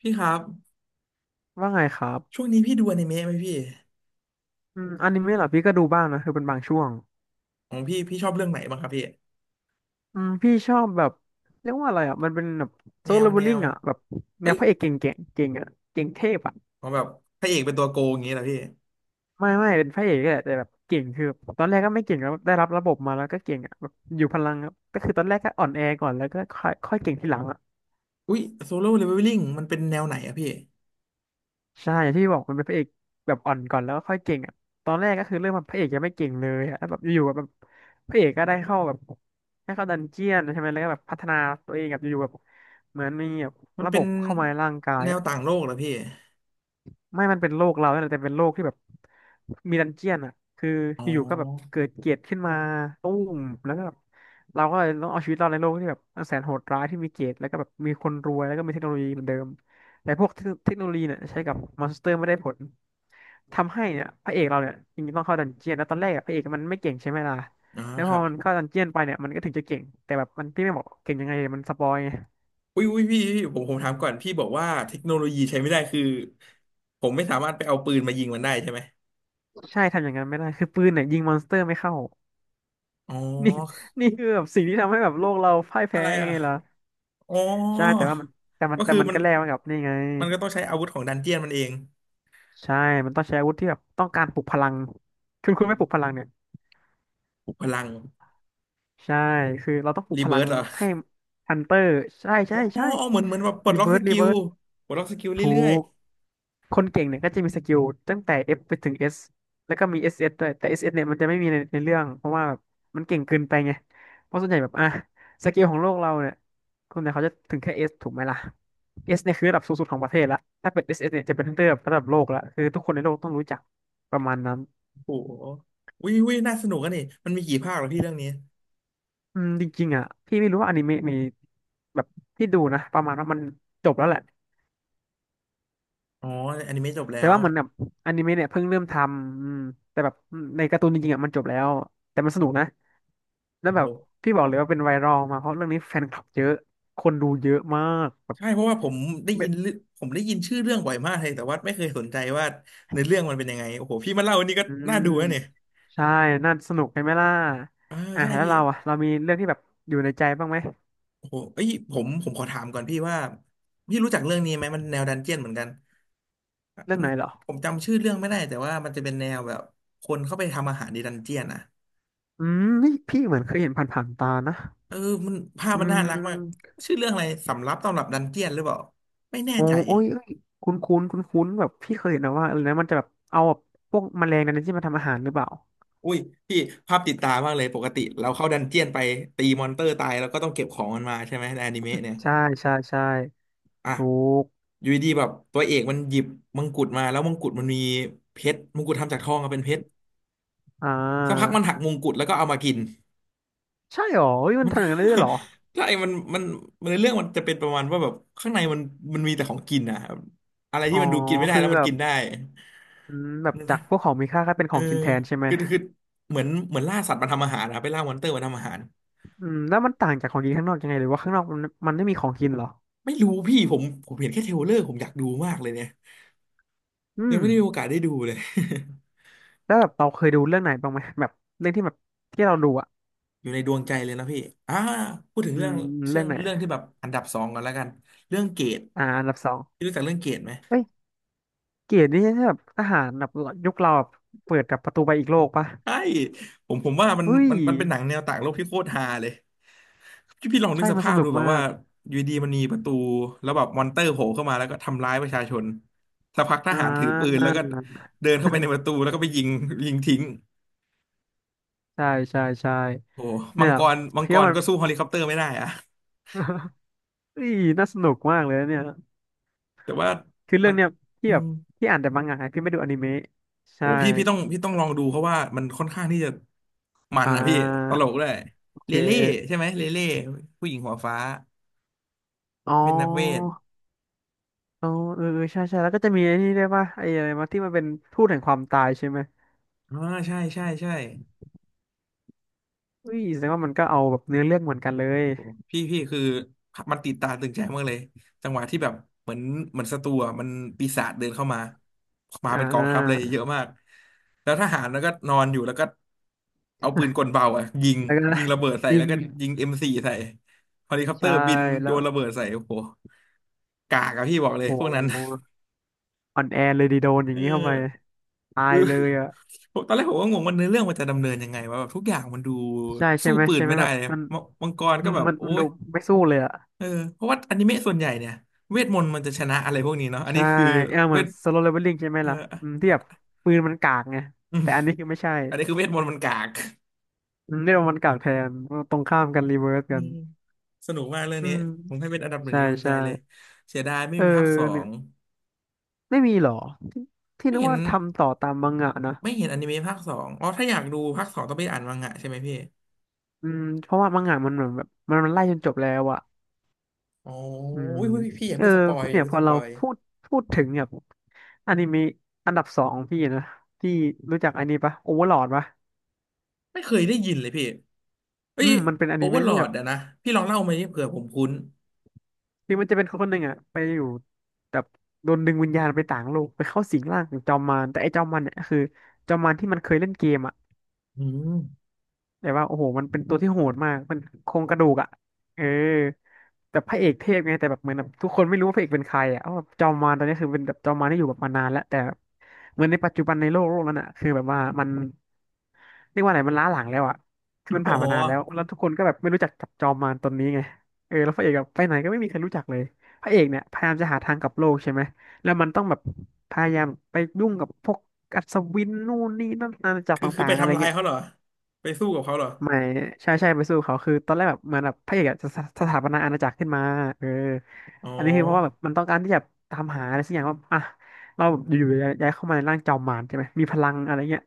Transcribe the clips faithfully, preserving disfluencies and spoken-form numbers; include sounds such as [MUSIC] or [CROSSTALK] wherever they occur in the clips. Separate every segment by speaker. Speaker 1: พี่ครับ
Speaker 2: ว่าไงครับ
Speaker 1: ช่วงนี้พี่ดูอนิเมะไหมพี่
Speaker 2: อืมอนิเมะเหรอพี่ก็ดูบ้างนะคือเป็นบางช่วง
Speaker 1: ของพี่พี่ชอบเรื่องไหนบ้างครับพี่
Speaker 2: อืมพี่ชอบแบบเรียกว่าอะไรอ่ะมันเป็นแบบโซ
Speaker 1: แน
Speaker 2: โล
Speaker 1: ว
Speaker 2: เลเว
Speaker 1: แน
Speaker 2: ลลิ่ง
Speaker 1: ว
Speaker 2: อ่ะแบบแน
Speaker 1: เอ้
Speaker 2: ว
Speaker 1: ย
Speaker 2: พระเอกเก่งเก่งเก่งอ่ะเก่งเทพอ่ะ
Speaker 1: ของแบบพระเอกเป็นตัวโกงอย่างงี้เหรอพี่
Speaker 2: ไม่ไม่เป็นพระเอกก็แหละแต่แบบเก่งคือแบบตอนแรกก็ไม่เก่งแล้วได้รับระบบมาแล้วก็เก่งอ่ะแบบอยู่พลังอะก็คือตอนแรกก็อ่อนแอก่อนแล้วก็ค่อยค่อยเก่งทีหลังอ่ะ
Speaker 1: อุ้ยโซโล่เลเวลลิ่งมันเป็นแนวไหนอะพี่
Speaker 2: ใช่อย่างที่บอกมันเป็นพระเอกแบบอ่อนก่อนแล้วก็ค่อยเก่งอ่ะตอนแรกก็คือเริ่มมาพระเอกยังไม่เก่งเลยอ่ะแล้วแบบอยู่ๆแบบพระเอกก็ได้เข้าแบบได้เข้าดันเจียนใช่ไหมแล้วก็แบบพัฒนาตัวเองแบบอยู่ๆแบบเหมือนมีแบบ
Speaker 1: มัน
Speaker 2: ระบ
Speaker 1: เป็น
Speaker 2: บเข้ามาในร่างกาย
Speaker 1: แนว
Speaker 2: อะ
Speaker 1: ต่างโลกเหรอพี่
Speaker 2: ไม่มันเป็นโลกเราเนี่ยแหละแต่เป็นโลกที่แบบมีดันเจียนอ่ะคือ
Speaker 1: อ๋อ
Speaker 2: อยู่ๆก็แบบเกิดเกลียดขึ้นมาตุ้มแล้วก็แบบเราก็เลยต้องเอาชีวิตรอดในโลกที่แบบนแสนโหดร้ายที่มีเกลียดแล้วก็แบบมีคนรวยแล้วก็มีเทคโนโลยีเหมือนเดิมแต่พวกเทคโนโลยีเนี่ยใช้กับมอนสเตอร์ไม่ได้ผลทำให้เนี่ยพระเอกเราเนี่ยจริงๆต้องเข้าดันเจียนแล้วตอนแรกอะพระเอกมันไม่เก่งใช่ไหมล่ะ
Speaker 1: นะ
Speaker 2: แล้ว
Speaker 1: ค
Speaker 2: พอ
Speaker 1: รับ
Speaker 2: มันเข้าดันเจียนไปเนี่ยมันก็ถึงจะเก่งแต่แบบมันพี่ไม่บอกเก่งยังไงมันสปอยไง
Speaker 1: อุ้ยอุ้ยพี่พี่ผมผม
Speaker 2: อื
Speaker 1: ถาม
Speaker 2: ม
Speaker 1: ก่อนพี่บอกว่าเทคโนโลยีใช้ไม่ได้คือผมไม่สามารถไปเอาปืนมายิงมันได้ใช่ไหม
Speaker 2: ใช่ทำอย่างนั้นไม่ได้คือปืนเนี่ยยิงมอนสเตอร์ไม่เข้า
Speaker 1: อ๋อ
Speaker 2: นี่ [LAUGHS] นี่คือแบบสิ่งที่ทำให้แบบโลกเราพ่าย
Speaker 1: อะ
Speaker 2: แพ้
Speaker 1: ไรอ่ะ
Speaker 2: ไงล่ะ
Speaker 1: อ๋อ
Speaker 2: ใช่แต่ว่ามันแต่มัน
Speaker 1: ก็
Speaker 2: แต่
Speaker 1: คือ
Speaker 2: มัน
Speaker 1: มัน
Speaker 2: ก็แลกมากับนี่ไง
Speaker 1: มันก็ต้องใช้อาวุธของดันเจียนมันเอง
Speaker 2: ใช่ มันต้องใช้อาวุธที่แบบต้องการปลุกพลังคุณคุณไม่ปลุกพลังเนี่ย
Speaker 1: ปลุกพลัง
Speaker 2: ใช่คือเราต้องปลุก
Speaker 1: รี
Speaker 2: พ
Speaker 1: เบิ
Speaker 2: ลั
Speaker 1: ร์
Speaker 2: ง
Speaker 1: สเหรอ
Speaker 2: ให้ฮันเตอร์ใช่
Speaker 1: อ๋
Speaker 2: ใช่
Speaker 1: อ
Speaker 2: ใช่
Speaker 1: เหมือนเหมือนแบบปลด
Speaker 2: รี
Speaker 1: ล็อก
Speaker 2: เวิร์
Speaker 1: ส
Speaker 2: สรี
Speaker 1: กิล
Speaker 2: เวิร์ส
Speaker 1: ปลดล็อกสกิล
Speaker 2: ถู
Speaker 1: เรื่อย
Speaker 2: ก คนเก่งเนี่ยก็จะมีสกิลตั้งแต่ F ไปถึง S แล้วก็มี เอส เอส ด้วยแต่ เอส เอส เอสเนี่ยมันจะไม่มีในในเรื่อง เพราะว่าแบบมันเก่งเกินไปไง เพราะส่วนใหญ่แบบอ่ะสกิลของโลกเราเนี่ยคนเนี่ยเขาจะถึงแค่ S ถูกไหมล่ะ S เนี่ยคือระดับสูงสุดของประเทศละถ้าเป็น เอส เอส เอสเนี่ยจะเป็นระดับระดับโลกละคือทุกคนในโลกต้องรู้จักประมาณนั้น
Speaker 1: ๆโอ้โหวิวิน่าสนุกกันนี่มันมีกี่ภาคเหรอพี่เรื่องนี้
Speaker 2: อืมจริงๆอ่ะพี่ไม่รู้ว่าอนิเมะมีแบบพี่ดูนะประมาณว่ามันจบแล้วแหละ
Speaker 1: อ๋ออนิเมะจบแล้
Speaker 2: แต่
Speaker 1: ว
Speaker 2: ว่าเหมือนแบบอนิเมะเนี่ยเพิ่งเริ่มทำอืมแต่แบบในการ์ตูนจริงๆอ่ะมันจบแล้วแต่มันสนุกนะ แล้ว
Speaker 1: โอ้โห
Speaker 2: แบบพี่บอกเลยว่าเป็นไวรัลมาเพราะเรื่องนี้แฟนคลับเยอะคนดูเยอะมากแบบ
Speaker 1: ใช่เพราะว่าผมได้
Speaker 2: เบ
Speaker 1: ยินเรื่องผมได้ยินชื่อเรื่องบ่อยมากเลยแต่ว่าไม่เคยสนใจว่าเนื้อเรื่องมันเป็นยังไงโอ้โหพี่มาเล่าอันนี้ก็
Speaker 2: อื
Speaker 1: น่า
Speaker 2: ม
Speaker 1: ดูนะเนี่ย
Speaker 2: ใช่น่าสนุกใช่ไหมล่ะ
Speaker 1: เออ
Speaker 2: อ่ะ
Speaker 1: ใช่
Speaker 2: แล้ว
Speaker 1: พี่
Speaker 2: เราอ่ะเรามีเรื่องที่แบบอยู่ในใจบ้างไหม
Speaker 1: โอ้โหเอ้ยผมผมขอถามก่อนพี่ว่าพี่รู้จักเรื่องนี้ไหมมันแนวดันเจียนเหมือนกัน
Speaker 2: เรื่อง
Speaker 1: มัน
Speaker 2: ไหนเหรอ
Speaker 1: ผมจำชื่อเรื่องไม่ได้แต่ว่ามันจะเป็นแนวแบบคนเข้าไปทำอาหารในดันเจียนอะ
Speaker 2: อืมนี่พี่เหมือนเคยเห็นผ่านๆตานะ
Speaker 1: เออมันภาพ
Speaker 2: อื
Speaker 1: มันน่ารักมาก
Speaker 2: ม
Speaker 1: ชื่อเรื่องอะไรสำรับตำรับดันเจียนหรือเปล่าไม่แน่
Speaker 2: โอ้
Speaker 1: ใจ
Speaker 2: โอ้ยเอ้ยคุ้นคุ้นคุ้นคุ้นๆแบบพี่เคยเห็นนะว่าอะไรนะมันจะแบบเอาแบบพวกแมลงในนั้นที่มาทำอาหารหรือเปล่า
Speaker 1: อุ้ยพี่ภาพติดตามากเลยปกติเราเข้าดันเจียนไปตีมอนเตอร์ตายแล้วก็ต้องเก็บของมันมาใช่ไหมในอนิเมะเนี่ย
Speaker 2: ใช่ใช่ใช่
Speaker 1: อ่ะ
Speaker 2: ถูก
Speaker 1: อยู่ดีๆแบบตัวเอกมันหยิบมงกุฎมาแล้วมงกุฎมันมีเพชรมงกุฎทำจากทองอะเป็นเพชร
Speaker 2: อ่า
Speaker 1: สักพักมันหักมงกุฎแล้วก็เอามากิน
Speaker 2: ใช่หรอเฮ้ยมัน
Speaker 1: มัน
Speaker 2: ทำอย่างนั้นได้ด้วยเหรอ
Speaker 1: [LAUGHS] ใช่มันมันมันในเรื่องมันจะเป็นประมาณว่าแบบข้างในมันมันมีแต่ของกินนะอะไร
Speaker 2: อ๋
Speaker 1: ที่
Speaker 2: อ
Speaker 1: มันดูกินไม่ได้
Speaker 2: คือ
Speaker 1: แล้วมัน
Speaker 2: แบบ
Speaker 1: กินได้
Speaker 2: อืมแบบจากพวกของมีค่าก็เป็น
Speaker 1: เอ
Speaker 2: ข
Speaker 1: อ
Speaker 2: องกินแทนใช่ไหม
Speaker 1: คือคือเหมือนเหมือนล่าสัตว์มาทำอาหารนะไปล่ามอนเตอร์มาทำอาหาร
Speaker 2: อืมแล้วมันต่างจากของกินข้างนอกยังไงหรือว่าข้างนอกมันมันไม่มีของกินเหรอ
Speaker 1: ไม่รู้พี่ผมผมเห็นแค่เทรลเลอร์ผมอยากดูมากเลยเนี่ย
Speaker 2: อื
Speaker 1: ยัง
Speaker 2: ม
Speaker 1: ไม่ได้มีโอกาสได้ดูเลย [LAUGHS]
Speaker 2: แล้วแบบเราเคยดูเรื่องไหนบ้างไหมแบบเรื่องที่แบบที่เราดูอ่ะ
Speaker 1: อยู่ในดวงใจเลยนะพี่อ่าพูดถึง
Speaker 2: อื
Speaker 1: เรื่อง
Speaker 2: ม
Speaker 1: เรื่
Speaker 2: เรื่
Speaker 1: อ
Speaker 2: อ
Speaker 1: ง
Speaker 2: งไหน
Speaker 1: เรื่องที่แบบอันดับสองก่อนแล้วกันเรื่องเกต
Speaker 2: อ่าอันดับสอง
Speaker 1: พี่รู้จักเรื่องเกตไหม
Speaker 2: เฮ้ยเกรดนี่ใช่แบบทหารแบบยุคเราแบบเปิดกับประตูไปอีกโลกปะ
Speaker 1: ใช่ผมผมว่ามัน
Speaker 2: เฮ้ย
Speaker 1: มันมันเป็นหนังแนวต่างโลกที่โคตรฮาเลย พี่พี่ลองนึ
Speaker 2: ใช่
Speaker 1: กส
Speaker 2: มันส
Speaker 1: ภาพ
Speaker 2: นุ
Speaker 1: ดู
Speaker 2: ก
Speaker 1: แบบ
Speaker 2: มา
Speaker 1: ว่า
Speaker 2: ก
Speaker 1: อยู่ดีมันมีประตูแล้วแบบมอนเตอร์โผล่เข้ามาแล้วก็ทำร้ายประชาชนสักพักท
Speaker 2: อ่
Speaker 1: หารถือปืน
Speaker 2: า
Speaker 1: แล้วก็เดินเข้าไปในประตูแล้วก็ไปยิงยิงทิ้ง
Speaker 2: ใช่ใช่ใช่
Speaker 1: โอ้โหมั
Speaker 2: เนี่
Speaker 1: ง
Speaker 2: ย
Speaker 1: กรมัง
Speaker 2: คิด
Speaker 1: ก
Speaker 2: ว่า
Speaker 1: ร
Speaker 2: มัน
Speaker 1: ก็สู้เฮลิคอปเตอร์ไม่ได้อะ [LAUGHS]
Speaker 2: [LAUGHS] เฮ้ยน่าสนุกมากเลยนะเนี่ย
Speaker 1: แต่ว่า
Speaker 2: คือเรื่
Speaker 1: มั
Speaker 2: อ
Speaker 1: น
Speaker 2: งเนี้ยที่
Speaker 1: อื
Speaker 2: แบ
Speaker 1: ม
Speaker 2: บที่อ่านแต่มังงะพี่ไม่ดูอนิเมะ
Speaker 1: โอ้
Speaker 2: ใช่
Speaker 1: พี่พี่ต้องพี่ต้องลองดูเพราะว่ามันค่อนข้างที่จะมัน
Speaker 2: อ่
Speaker 1: อ่ะพี่ต
Speaker 2: า
Speaker 1: ลกด้วย
Speaker 2: โอ
Speaker 1: เล
Speaker 2: เค
Speaker 1: เล่ใช่ไหมเลเล่ผู้หญิงหัวฟ้า
Speaker 2: อ๋อ
Speaker 1: เป็นนักเวท
Speaker 2: อ๋อเออเออใช่ใช่แล้วก็จะมีไอ้นี่ด้วยป่ะไอ้อะไรมาที่มันเป็นทูตแห่งความตายใช่ไหม
Speaker 1: อ่าใช่ใช่ใช่
Speaker 2: อุ้ยแสดงว่ามันก็เอาแบบเนื้อเรื่องเหมือนกันเลย
Speaker 1: พี่พี่คือมันติดตาตึงใจมากเลยจังหวะที่แบบเหมือนเหมือนศัตรูอะมันปีศาจเดินเข้ามามา
Speaker 2: อ่
Speaker 1: เป็นกองทัพเลย
Speaker 2: า
Speaker 1: เยอะมากแล้วทหารแล้วก็นอนอยู่แล้วก็เอาปืนกลเบาอ่ะยิง
Speaker 2: แล้วก็ [LAUGHS]
Speaker 1: ยิงระเบิดใส่
Speaker 2: ยิ
Speaker 1: แล้ว
Speaker 2: ง
Speaker 1: ก็ยิงเอ็มสี่ใส่เฮลิคอปเตอ
Speaker 2: ใช่
Speaker 1: ร์บินโย
Speaker 2: แล้ว
Speaker 1: นระเบิดใส่โอ้โหกากอะพี่บอกเล
Speaker 2: โ
Speaker 1: ยพวกนั้น
Speaker 2: หอ่อนแอเลยดีโดนอ
Speaker 1: เอ
Speaker 2: ย่างนี้เข้าไป
Speaker 1: อ
Speaker 2: ตา
Speaker 1: คื
Speaker 2: ย
Speaker 1: อ
Speaker 2: เลยอ่ะ
Speaker 1: ผมตอนแรกผมก็งงว่าเนื้อเรื่องมันจะดำเนินยังไงว่าแบบทุกอย่างมันดู
Speaker 2: ใช่ใช่
Speaker 1: สู้
Speaker 2: ไหม
Speaker 1: ปืน
Speaker 2: ใช่ไหม
Speaker 1: ไม่ได้
Speaker 2: แบบ
Speaker 1: เลย
Speaker 2: มัน
Speaker 1: มมังกร
Speaker 2: อื
Speaker 1: ก็
Speaker 2: ม
Speaker 1: แบบ
Speaker 2: มัน
Speaker 1: โอ้
Speaker 2: มันดู
Speaker 1: ย
Speaker 2: ไม่สู้เลยอ่ะ
Speaker 1: เออเพราะว่าอนิเมะส่วนใหญ่เนี่ยเวทมนต์มันจะชนะอะไรพวกนี้เนาะอัน
Speaker 2: ใช่
Speaker 1: นี้คือ
Speaker 2: เออเห
Speaker 1: เว
Speaker 2: มือน
Speaker 1: ท
Speaker 2: โซโลเลเวลลิ่งใช่ไหม
Speaker 1: เออ
Speaker 2: ล่ะอืมที่แบบปืนมันกากไง
Speaker 1: อืม
Speaker 2: แต่อันนี้คือไม่ใช่
Speaker 1: อันนี้คือเวทมนต์มันกาก
Speaker 2: อืมนี่เรามันกากแทนตรงข้ามกันรีเวิร์ส
Speaker 1: อื
Speaker 2: กัน
Speaker 1: มสนุกมากเรื่อง
Speaker 2: อื
Speaker 1: นี้
Speaker 2: ม
Speaker 1: ผมให้เป็นอันดับหนึ่ง
Speaker 2: ใช่
Speaker 1: ในดวงใจ
Speaker 2: ใช่
Speaker 1: เลยเสียดายไม่
Speaker 2: เออ
Speaker 1: มีภาคสอ
Speaker 2: เนี่ย
Speaker 1: ง
Speaker 2: ไม่มีหรอที่
Speaker 1: ไม่
Speaker 2: นึก
Speaker 1: เห็น
Speaker 2: ว่าทำต่อตามมังงะนะ
Speaker 1: ไม่เห็นอนิเมะภาคสองอ๋อถ้าอยากดูภาคสองต้องไปอ่านมังงะใช่ไหมพี่
Speaker 2: อืมเพราะว่ามังงะมันเหมือนแบบมันมันไล่จนจบแล้วอะ
Speaker 1: อ๋อ
Speaker 2: อืม
Speaker 1: อุ้ยอุ๊พี่อย่า
Speaker 2: เออ
Speaker 1: เพิ่งสปอยอย่า
Speaker 2: เนี่ย
Speaker 1: เพิ่
Speaker 2: พ
Speaker 1: ง
Speaker 2: อ
Speaker 1: สป
Speaker 2: เรา
Speaker 1: อย
Speaker 2: พูดพูดถึงแบบอนิเมะอันดับสองของพี่นะพี่รู้จักอันนี้ปะโอเวอร์ลอดปะ
Speaker 1: ไม่เคยได้ยินเลยพี่เอ้
Speaker 2: อื
Speaker 1: ย
Speaker 2: มมันเป็นอ
Speaker 1: โอ
Speaker 2: นิ
Speaker 1: เวอ
Speaker 2: เมะ
Speaker 1: ร์ลอ
Speaker 2: ที่แบ
Speaker 1: ด
Speaker 2: บ
Speaker 1: อะนะพี่ลองเล่ามาดิเผื่อผมคุ้น
Speaker 2: คือมันจะเป็นคนคนหนึ่งอะไปอยู่แบบโดนดึงวิญญาณไปต่างโลกไปเข้าสิงร่างของจอมมารแต่ไอ้จอมมารเนี่ยคือจอมมารที่มันเคยเล่นเกมอะ
Speaker 1: อืม
Speaker 2: แต่ว่าโอ้โหมันเป็นตัวที่โหดมากมันโครงกระดูกอ่ะเออแต่พระเอกเทพไงแต่แบบเหมือนแบบทุกคนไม่รู้ว่าพระเอกเป็นใครอ่ะเพราะว่าจอมมารตอนนี้คือเป็นแบบจอมมารที่อยู่แบบมานานแล้วแต่เหมือนในปัจจุบันในโลกโลกนั้นอ่ะคือแบบว่ามันเรียกว่าอะไรมันล้าหลังแล้วอ่ะคือมัน
Speaker 1: [LAUGHS] อ๋อ
Speaker 2: ผ่านมานานแล้วแล้วทุกคนก็แบบไม่รู้จักจับจอมมารตนนี้ไงเออแล้วพระเอกแบบไปไหนก็ไม่มีใครรู้จักเลยพระเอกเนี่ยพยายามจะหาทางกลับโลกใช่ไหมแล้วมันต้องแบบพยายามไปยุ่งกับพวกอัศวินนู่นนี่นั่นอาณาจักร
Speaker 1: คือคือ
Speaker 2: ต่า
Speaker 1: ไป
Speaker 2: งๆอะไร
Speaker 1: ทำลาย
Speaker 2: เงี้ย
Speaker 1: เขาเหรอไปสู้กับเขาเหรอ
Speaker 2: ไม่ใช่ใช่ไปสู้เขาคือตอนแรกแบบเหมือนแบบพระเอกอะจะสสถาปนาอาณาจักรขึ้นมาเออ
Speaker 1: อ๋อ
Speaker 2: อันนี้คือเพราะว่าแบบมันต้องการที่จะตามหาอะไรสักอย่างว่าอ่ะเราแบบอยู่ๆย้ายย้ายเข้ามาในร่างจอมมารใช่ไหมมีพลังอะไรเงี้ย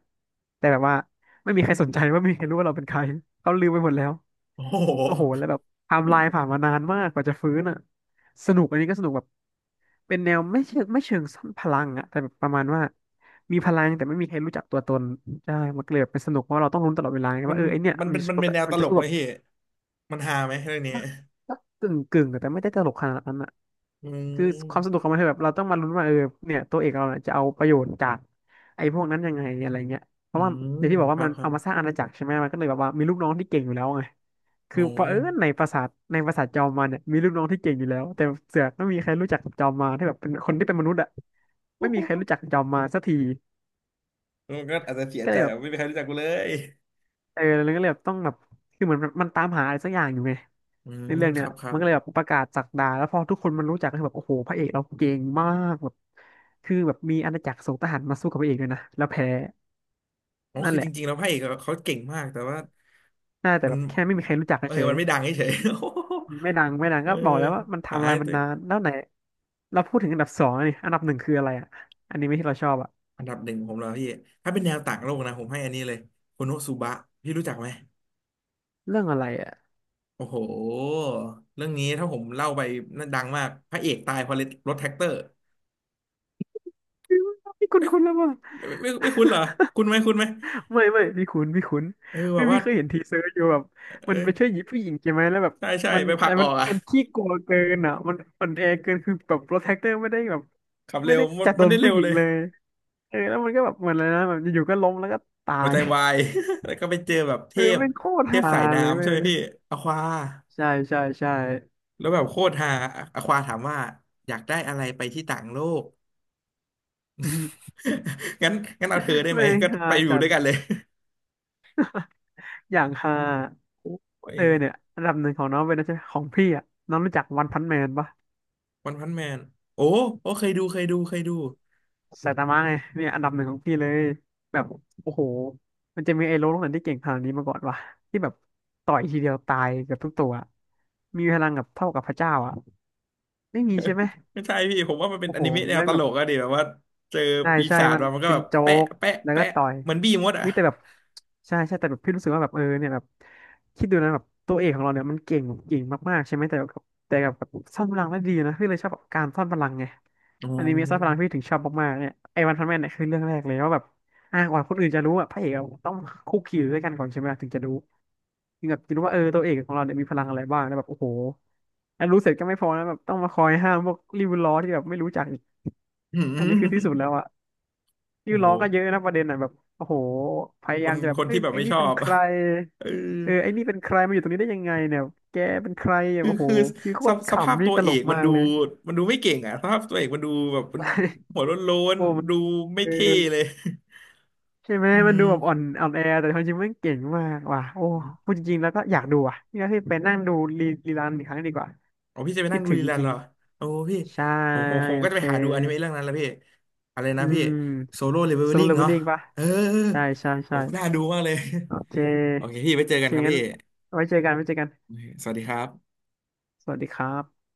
Speaker 2: แต่แบบว่าไม่มีใครสนใจว่าไม่มีใครรู้ว่าเราเป็นใครเขาลืมไปหมดแล้ว
Speaker 1: โอ้โห
Speaker 2: โอ้โหแล้วแบบไทม์ไลน์ผ่านมานานมากกว่าจะฟื้นอ่ะสนุกอันนี้ก็สนุกแบบเป็นแนวไม่เชิงไม่เชิงซ่อนพลังอ่ะแต่แบบประมาณว่ามีพลังแต่ไม่มีใครรู้จักตัวตน ใช่มันก็เลยแบบเป็นสนุกเพราะเราต้องลุ้นตลอดเวลาไง
Speaker 1: มัน
Speaker 2: ว่าเออไอเนี่ย
Speaker 1: มัน
Speaker 2: มัน
Speaker 1: เป็น
Speaker 2: จะ
Speaker 1: มั
Speaker 2: สู้
Speaker 1: นเป็น
Speaker 2: แบ
Speaker 1: แน
Speaker 2: บ
Speaker 1: วต
Speaker 2: มัน
Speaker 1: ล
Speaker 2: จะ
Speaker 1: ก
Speaker 2: สู้
Speaker 1: ไหม
Speaker 2: แบบ
Speaker 1: พี่มันฮาไหมเรื่องนี้
Speaker 2: กักกึ่งกึ่งๆแต่ไม่ได้ตลกขนาดนั้นอ่ะ
Speaker 1: อื
Speaker 2: คือความสนุ
Speaker 1: ม
Speaker 2: กของมันคือแบบเราต้องมาลุ้นว่าเออเนี่ยตัวเอกเราเนี่ยจะเอาประโยชน์จากไอ้พวกนั้นยังไงอะไรเงี้ยเพ
Speaker 1: อื
Speaker 2: ราะว่าอ
Speaker 1: ม
Speaker 2: ย่างที่บอก
Speaker 1: ค
Speaker 2: ว่า
Speaker 1: รั
Speaker 2: มั
Speaker 1: บ
Speaker 2: น
Speaker 1: ครั
Speaker 2: เอา
Speaker 1: บ
Speaker 2: มาสร้างอาณาจักรใช่ไหมมันก็เลยแบบว่ามีลูกน้องที่เก่งอยู่แล้วไง
Speaker 1: โอ้
Speaker 2: คือเผอิญใน
Speaker 1: โ
Speaker 2: ปราสาทในปราสาทจอมมารเนี่ยมีลูกน้องที่เก่งอยู่แล้วแต่เสือกไม่มีใครรู้จักจอมมารที่แบบเป็นคนที่เป็นมนุษย์อ่ะไม่มีใครรู้จั
Speaker 1: ห
Speaker 2: กจอมมารสักที
Speaker 1: มันก็อาจจะเสีย
Speaker 2: ก็
Speaker 1: ใจ
Speaker 2: เลยแบ
Speaker 1: แบ
Speaker 2: บ
Speaker 1: บไม่มีใครรู้จักกูเลย
Speaker 2: เออแล้วก็เลยแบบต้องแบบคือเหมือนมันตามหาอะไรสักอย่างอยู่ไง
Speaker 1: อื
Speaker 2: ใน
Speaker 1: ม
Speaker 2: เรื่อง
Speaker 1: ค
Speaker 2: เนี้ย
Speaker 1: รับครั
Speaker 2: มั
Speaker 1: บ
Speaker 2: นก็เลยแบบประกาศศักดาแล้วพอทุกคนมันรู้จักก็คือแบบโอ้โหพระเอกเราเก่งมากแบบคือแบบมีอาณาจักรส่งทหารมาสู้กับพระเอกด้วยนะแล้วแพ้
Speaker 1: อ๋อ
Speaker 2: นั่น
Speaker 1: คือ
Speaker 2: แห
Speaker 1: จ
Speaker 2: ละ
Speaker 1: ริงๆแล้วพระเอกอะเขาเก่งมากแต่ว่า
Speaker 2: น่าแต่
Speaker 1: มัน
Speaker 2: แบบแค่ไม่มีใครรู้จัก
Speaker 1: เออ
Speaker 2: เฉย
Speaker 1: มันไม่ดังเฉยๆ [LAUGHS]
Speaker 2: ไม่ดังไม่ดัง
Speaker 1: เออ
Speaker 2: ก็บอกแล้วว่ามัน
Speaker 1: หา
Speaker 2: ไทำลา
Speaker 1: ให้
Speaker 2: ยมั
Speaker 1: ตั
Speaker 2: น
Speaker 1: วเอ
Speaker 2: นา
Speaker 1: ง
Speaker 2: นแล้วไหนเราพูดถึงอันดับสองนี่อันดับหนึ่งคืออะไรอ่ะอันนี้ไม่ที่เราชอบอ่ะ
Speaker 1: อันดับหนึ่งของผมแล้วพี่ถ้าเป็นแนวต่างโลกนะผมให้อันนี้เลยโคโนสุบะพี่รู้จักไหม
Speaker 2: เรื่องอะไรอ่ะ
Speaker 1: โอ้โห เรื่องนี้ถ้าผมเล่าไปน่าดังมากพระเอกตายเพราะรถแท็กเตอร์
Speaker 2: [LAUGHS] ไม่คุณคุณแล้วมั้
Speaker 1: ไม่ไม่ไม่คุ้นเหรอคุณไหมคุ้นไหม
Speaker 2: ไม่ไม่พี่คุ้นพี่คุ้น
Speaker 1: เออแบ
Speaker 2: ไม่
Speaker 1: บ
Speaker 2: พี่
Speaker 1: ว่า
Speaker 2: เคยเห็นทีเซอร์อยู่แบบ
Speaker 1: เอ
Speaker 2: มันไปช่ว
Speaker 1: อ
Speaker 2: ยหญิงผู้หญิงใช่ไหมแล้วแบบ
Speaker 1: ใช่ใช่
Speaker 2: มัน
Speaker 1: ไปผ
Speaker 2: อะ
Speaker 1: ลัก
Speaker 2: ไร
Speaker 1: อ
Speaker 2: มั
Speaker 1: อ
Speaker 2: น
Speaker 1: กอ่ะ
Speaker 2: มันขี้กลัวเกินอ่ะมันอ่อนแอเกินคือแบบโปรเทคเตอร์ไม่ได้แบบ
Speaker 1: ขับ
Speaker 2: ไม่
Speaker 1: เร็ว
Speaker 2: ได้
Speaker 1: มัน
Speaker 2: จัดโด
Speaker 1: มัน
Speaker 2: น
Speaker 1: ได้เร็
Speaker 2: ผู้
Speaker 1: ว
Speaker 2: หญิ
Speaker 1: เล
Speaker 2: ง
Speaker 1: ย
Speaker 2: เลยเออแล้วมันก็แบบเหมือนอะไรนะแบบอยู่ๆก็ล้มแล้วก็ตา
Speaker 1: หัว
Speaker 2: ย
Speaker 1: ใจวาย [LAUGHS] แล้วก็ไปเจอแบบเท
Speaker 2: เออ
Speaker 1: พ
Speaker 2: แม่งโคตร
Speaker 1: เท
Speaker 2: ฮา
Speaker 1: พสาย
Speaker 2: เลย
Speaker 1: น้ำใช่
Speaker 2: เว้
Speaker 1: ไหม
Speaker 2: ย
Speaker 1: พี่อควา
Speaker 2: ใช่ใช่ใช่
Speaker 1: แล้วแบบโคตรฮาอควาถามว่าอยากได้อะไรไปที่ต่างโลก [LAUGHS] งั้นงั้นเอาเธอได้
Speaker 2: [LAUGHS]
Speaker 1: ไหม
Speaker 2: แม่ง
Speaker 1: ก็
Speaker 2: ฮา
Speaker 1: ไปอยู่
Speaker 2: จั
Speaker 1: ด้วยกัน
Speaker 2: ด
Speaker 1: เลย
Speaker 2: อย่างฮา
Speaker 1: [LAUGHS] โอ้
Speaker 2: เอ
Speaker 1: ย
Speaker 2: อเนี่ยอันดับหนึ่งของน้องเป็นนะใช่ของพี่อ่ะน้องรู้จักวันพันแมนปะ
Speaker 1: วันพันแมนโอ้โอ้เคยดูเคยดูเคยดู
Speaker 2: ไซตามะไงเนี่ยอันดับหนึ่งของพี่เลยแบบโอ้โหมันจะมีไอ้โลโลกไหนที่เก่งขนาดนี้มาก่อนวะที่แบบต่อยทีเดียวตายเกือบทุกตัวมีพลังกับเท่ากับพระเจ้าอ่ะไม่มีใช่ไหม
Speaker 1: ไม่ใช่พี่ผมว่ามันเป็น
Speaker 2: โอ้
Speaker 1: อ
Speaker 2: โห
Speaker 1: นิเมะแนว
Speaker 2: แม่ง
Speaker 1: ต
Speaker 2: แบ
Speaker 1: ล
Speaker 2: บ
Speaker 1: กอะดิแบบว่าเจอ
Speaker 2: ใช่
Speaker 1: ปี
Speaker 2: ใช่
Speaker 1: ศาจ
Speaker 2: มัน
Speaker 1: มามันก็
Speaker 2: เป็
Speaker 1: แบ
Speaker 2: น
Speaker 1: บ
Speaker 2: โจ๊
Speaker 1: แปะ
Speaker 2: ก
Speaker 1: แปะ
Speaker 2: แล้วก็
Speaker 1: แปะ
Speaker 2: ต่อย
Speaker 1: เหมือนบี้มดอะ
Speaker 2: เฮ้ยแต่แบบใช่ใช่แต่แบบพี่รู้สึกว่าแบบเออเนี่ยแบบคิดดูนะแบบตัวเอกของเราเนี่ยมันเก่งเก่งมากๆใช่ไหมแต่กับแต่กับแบบซ่อนพลังได้ดีนะพี่เลยชอบแบบการซ่อนพลังไง
Speaker 1: อ๋อ
Speaker 2: อนิเมะซ่อนพลังพี่ถึงชอบมากๆเนี่ยไอ้วันพันแมนเนี่ยคือเรื่องแรกเลยว่าแบบอ่ากว่าคนอื่นจะรู้อ่ะพระเอกอะต้องคุกคีอยู่ด้วยกันก่อนใช่ไหมถึงจะรู้ถึงแบบจะรู้ว่าเออตัวเอกของเราเนี่ยมีพลังอะไรบ้างแล้วแบบโอ้โหแล้วรู้เสร็จก็ไม่พอนะแบบต้องมาคอยห้ามพวกริวล้อที่แบบไม่รู้จักอีก
Speaker 1: [LAUGHS] หื
Speaker 2: อันนี้คือที่สุด
Speaker 1: ม
Speaker 2: แล้วอะ ชื่
Speaker 1: โอ้
Speaker 2: อล้
Speaker 1: โห
Speaker 2: อก็เยอะนะประเด็นอ่ะแบบโอ้โหพยา
Speaker 1: ค
Speaker 2: ยา
Speaker 1: น
Speaker 2: มจะแบบ
Speaker 1: คน
Speaker 2: เฮ้
Speaker 1: ที่
Speaker 2: ย
Speaker 1: แบบ
Speaker 2: ไอ้
Speaker 1: ไม่
Speaker 2: นี่
Speaker 1: ชอ
Speaker 2: เป็น
Speaker 1: บ
Speaker 2: ใคร
Speaker 1: [LAUGHS] เออ
Speaker 2: เออไอ้นี่เป็นใครมาอยู่ตรงนี้ได้ยังไงเนี่ยแกเป็นใครอ่ะ
Speaker 1: คือ
Speaker 2: โอ้โห
Speaker 1: คือ
Speaker 2: พี่โค
Speaker 1: ส
Speaker 2: ต
Speaker 1: ภ
Speaker 2: ร
Speaker 1: สภาพ
Speaker 2: ขำนี่
Speaker 1: ตัว
Speaker 2: ต
Speaker 1: เอ
Speaker 2: ลก
Speaker 1: กมัน
Speaker 2: มาก
Speaker 1: ดู
Speaker 2: เลย
Speaker 1: มันดูไม่เก่งอะสภาพตัวเอกมันดูแบบมันหัวโล้น
Speaker 2: โอ้มั
Speaker 1: ๆ
Speaker 2: น
Speaker 1: ดูไม่
Speaker 2: เออ
Speaker 1: เท่เลย
Speaker 2: ใช่ไหม
Speaker 1: [LAUGHS] อื
Speaker 2: มัน
Speaker 1: ม
Speaker 2: ดูแบบอ่อนอ่อนแอแต่ความจริงมันเก่งมากว่ะโอ้พูดจริงๆแล้วก็อยากดูอ่ะนี่ก็คือไปนั่งดูรีรีรันอีกครั้งดีกว่า
Speaker 1: อ๋อพี่จะไป
Speaker 2: คิ
Speaker 1: นั่
Speaker 2: ด
Speaker 1: งดู
Speaker 2: ถึง
Speaker 1: รี
Speaker 2: จ
Speaker 1: รัน
Speaker 2: ริ
Speaker 1: เห
Speaker 2: ง
Speaker 1: รอโอ้พี่
Speaker 2: ๆใช่
Speaker 1: ผมผมผม
Speaker 2: โอ
Speaker 1: ก็จะ
Speaker 2: เค
Speaker 1: ไปหาดูอนิเมะเรื่องนั้นแล้วพี่อะไร
Speaker 2: อื
Speaker 1: นะพี่โซ
Speaker 2: ม
Speaker 1: โล่เลเวล
Speaker 2: สโล
Speaker 1: ลิ่
Speaker 2: ว์
Speaker 1: ง
Speaker 2: เลเวล
Speaker 1: เนาะ
Speaker 2: ลิ่งปะ
Speaker 1: เออเออ
Speaker 2: ใช่ใช่
Speaker 1: โอ้
Speaker 2: ใช่
Speaker 1: น่าดูมากเลย
Speaker 2: โอเค
Speaker 1: โอเคพี่ไปเจ
Speaker 2: โอ
Speaker 1: อกั
Speaker 2: เค
Speaker 1: นครับ
Speaker 2: งั้น
Speaker 1: พี่
Speaker 2: ไว้เจอกันไว้เจอกัน
Speaker 1: สวัสดีครับ
Speaker 2: สวัสดีครับ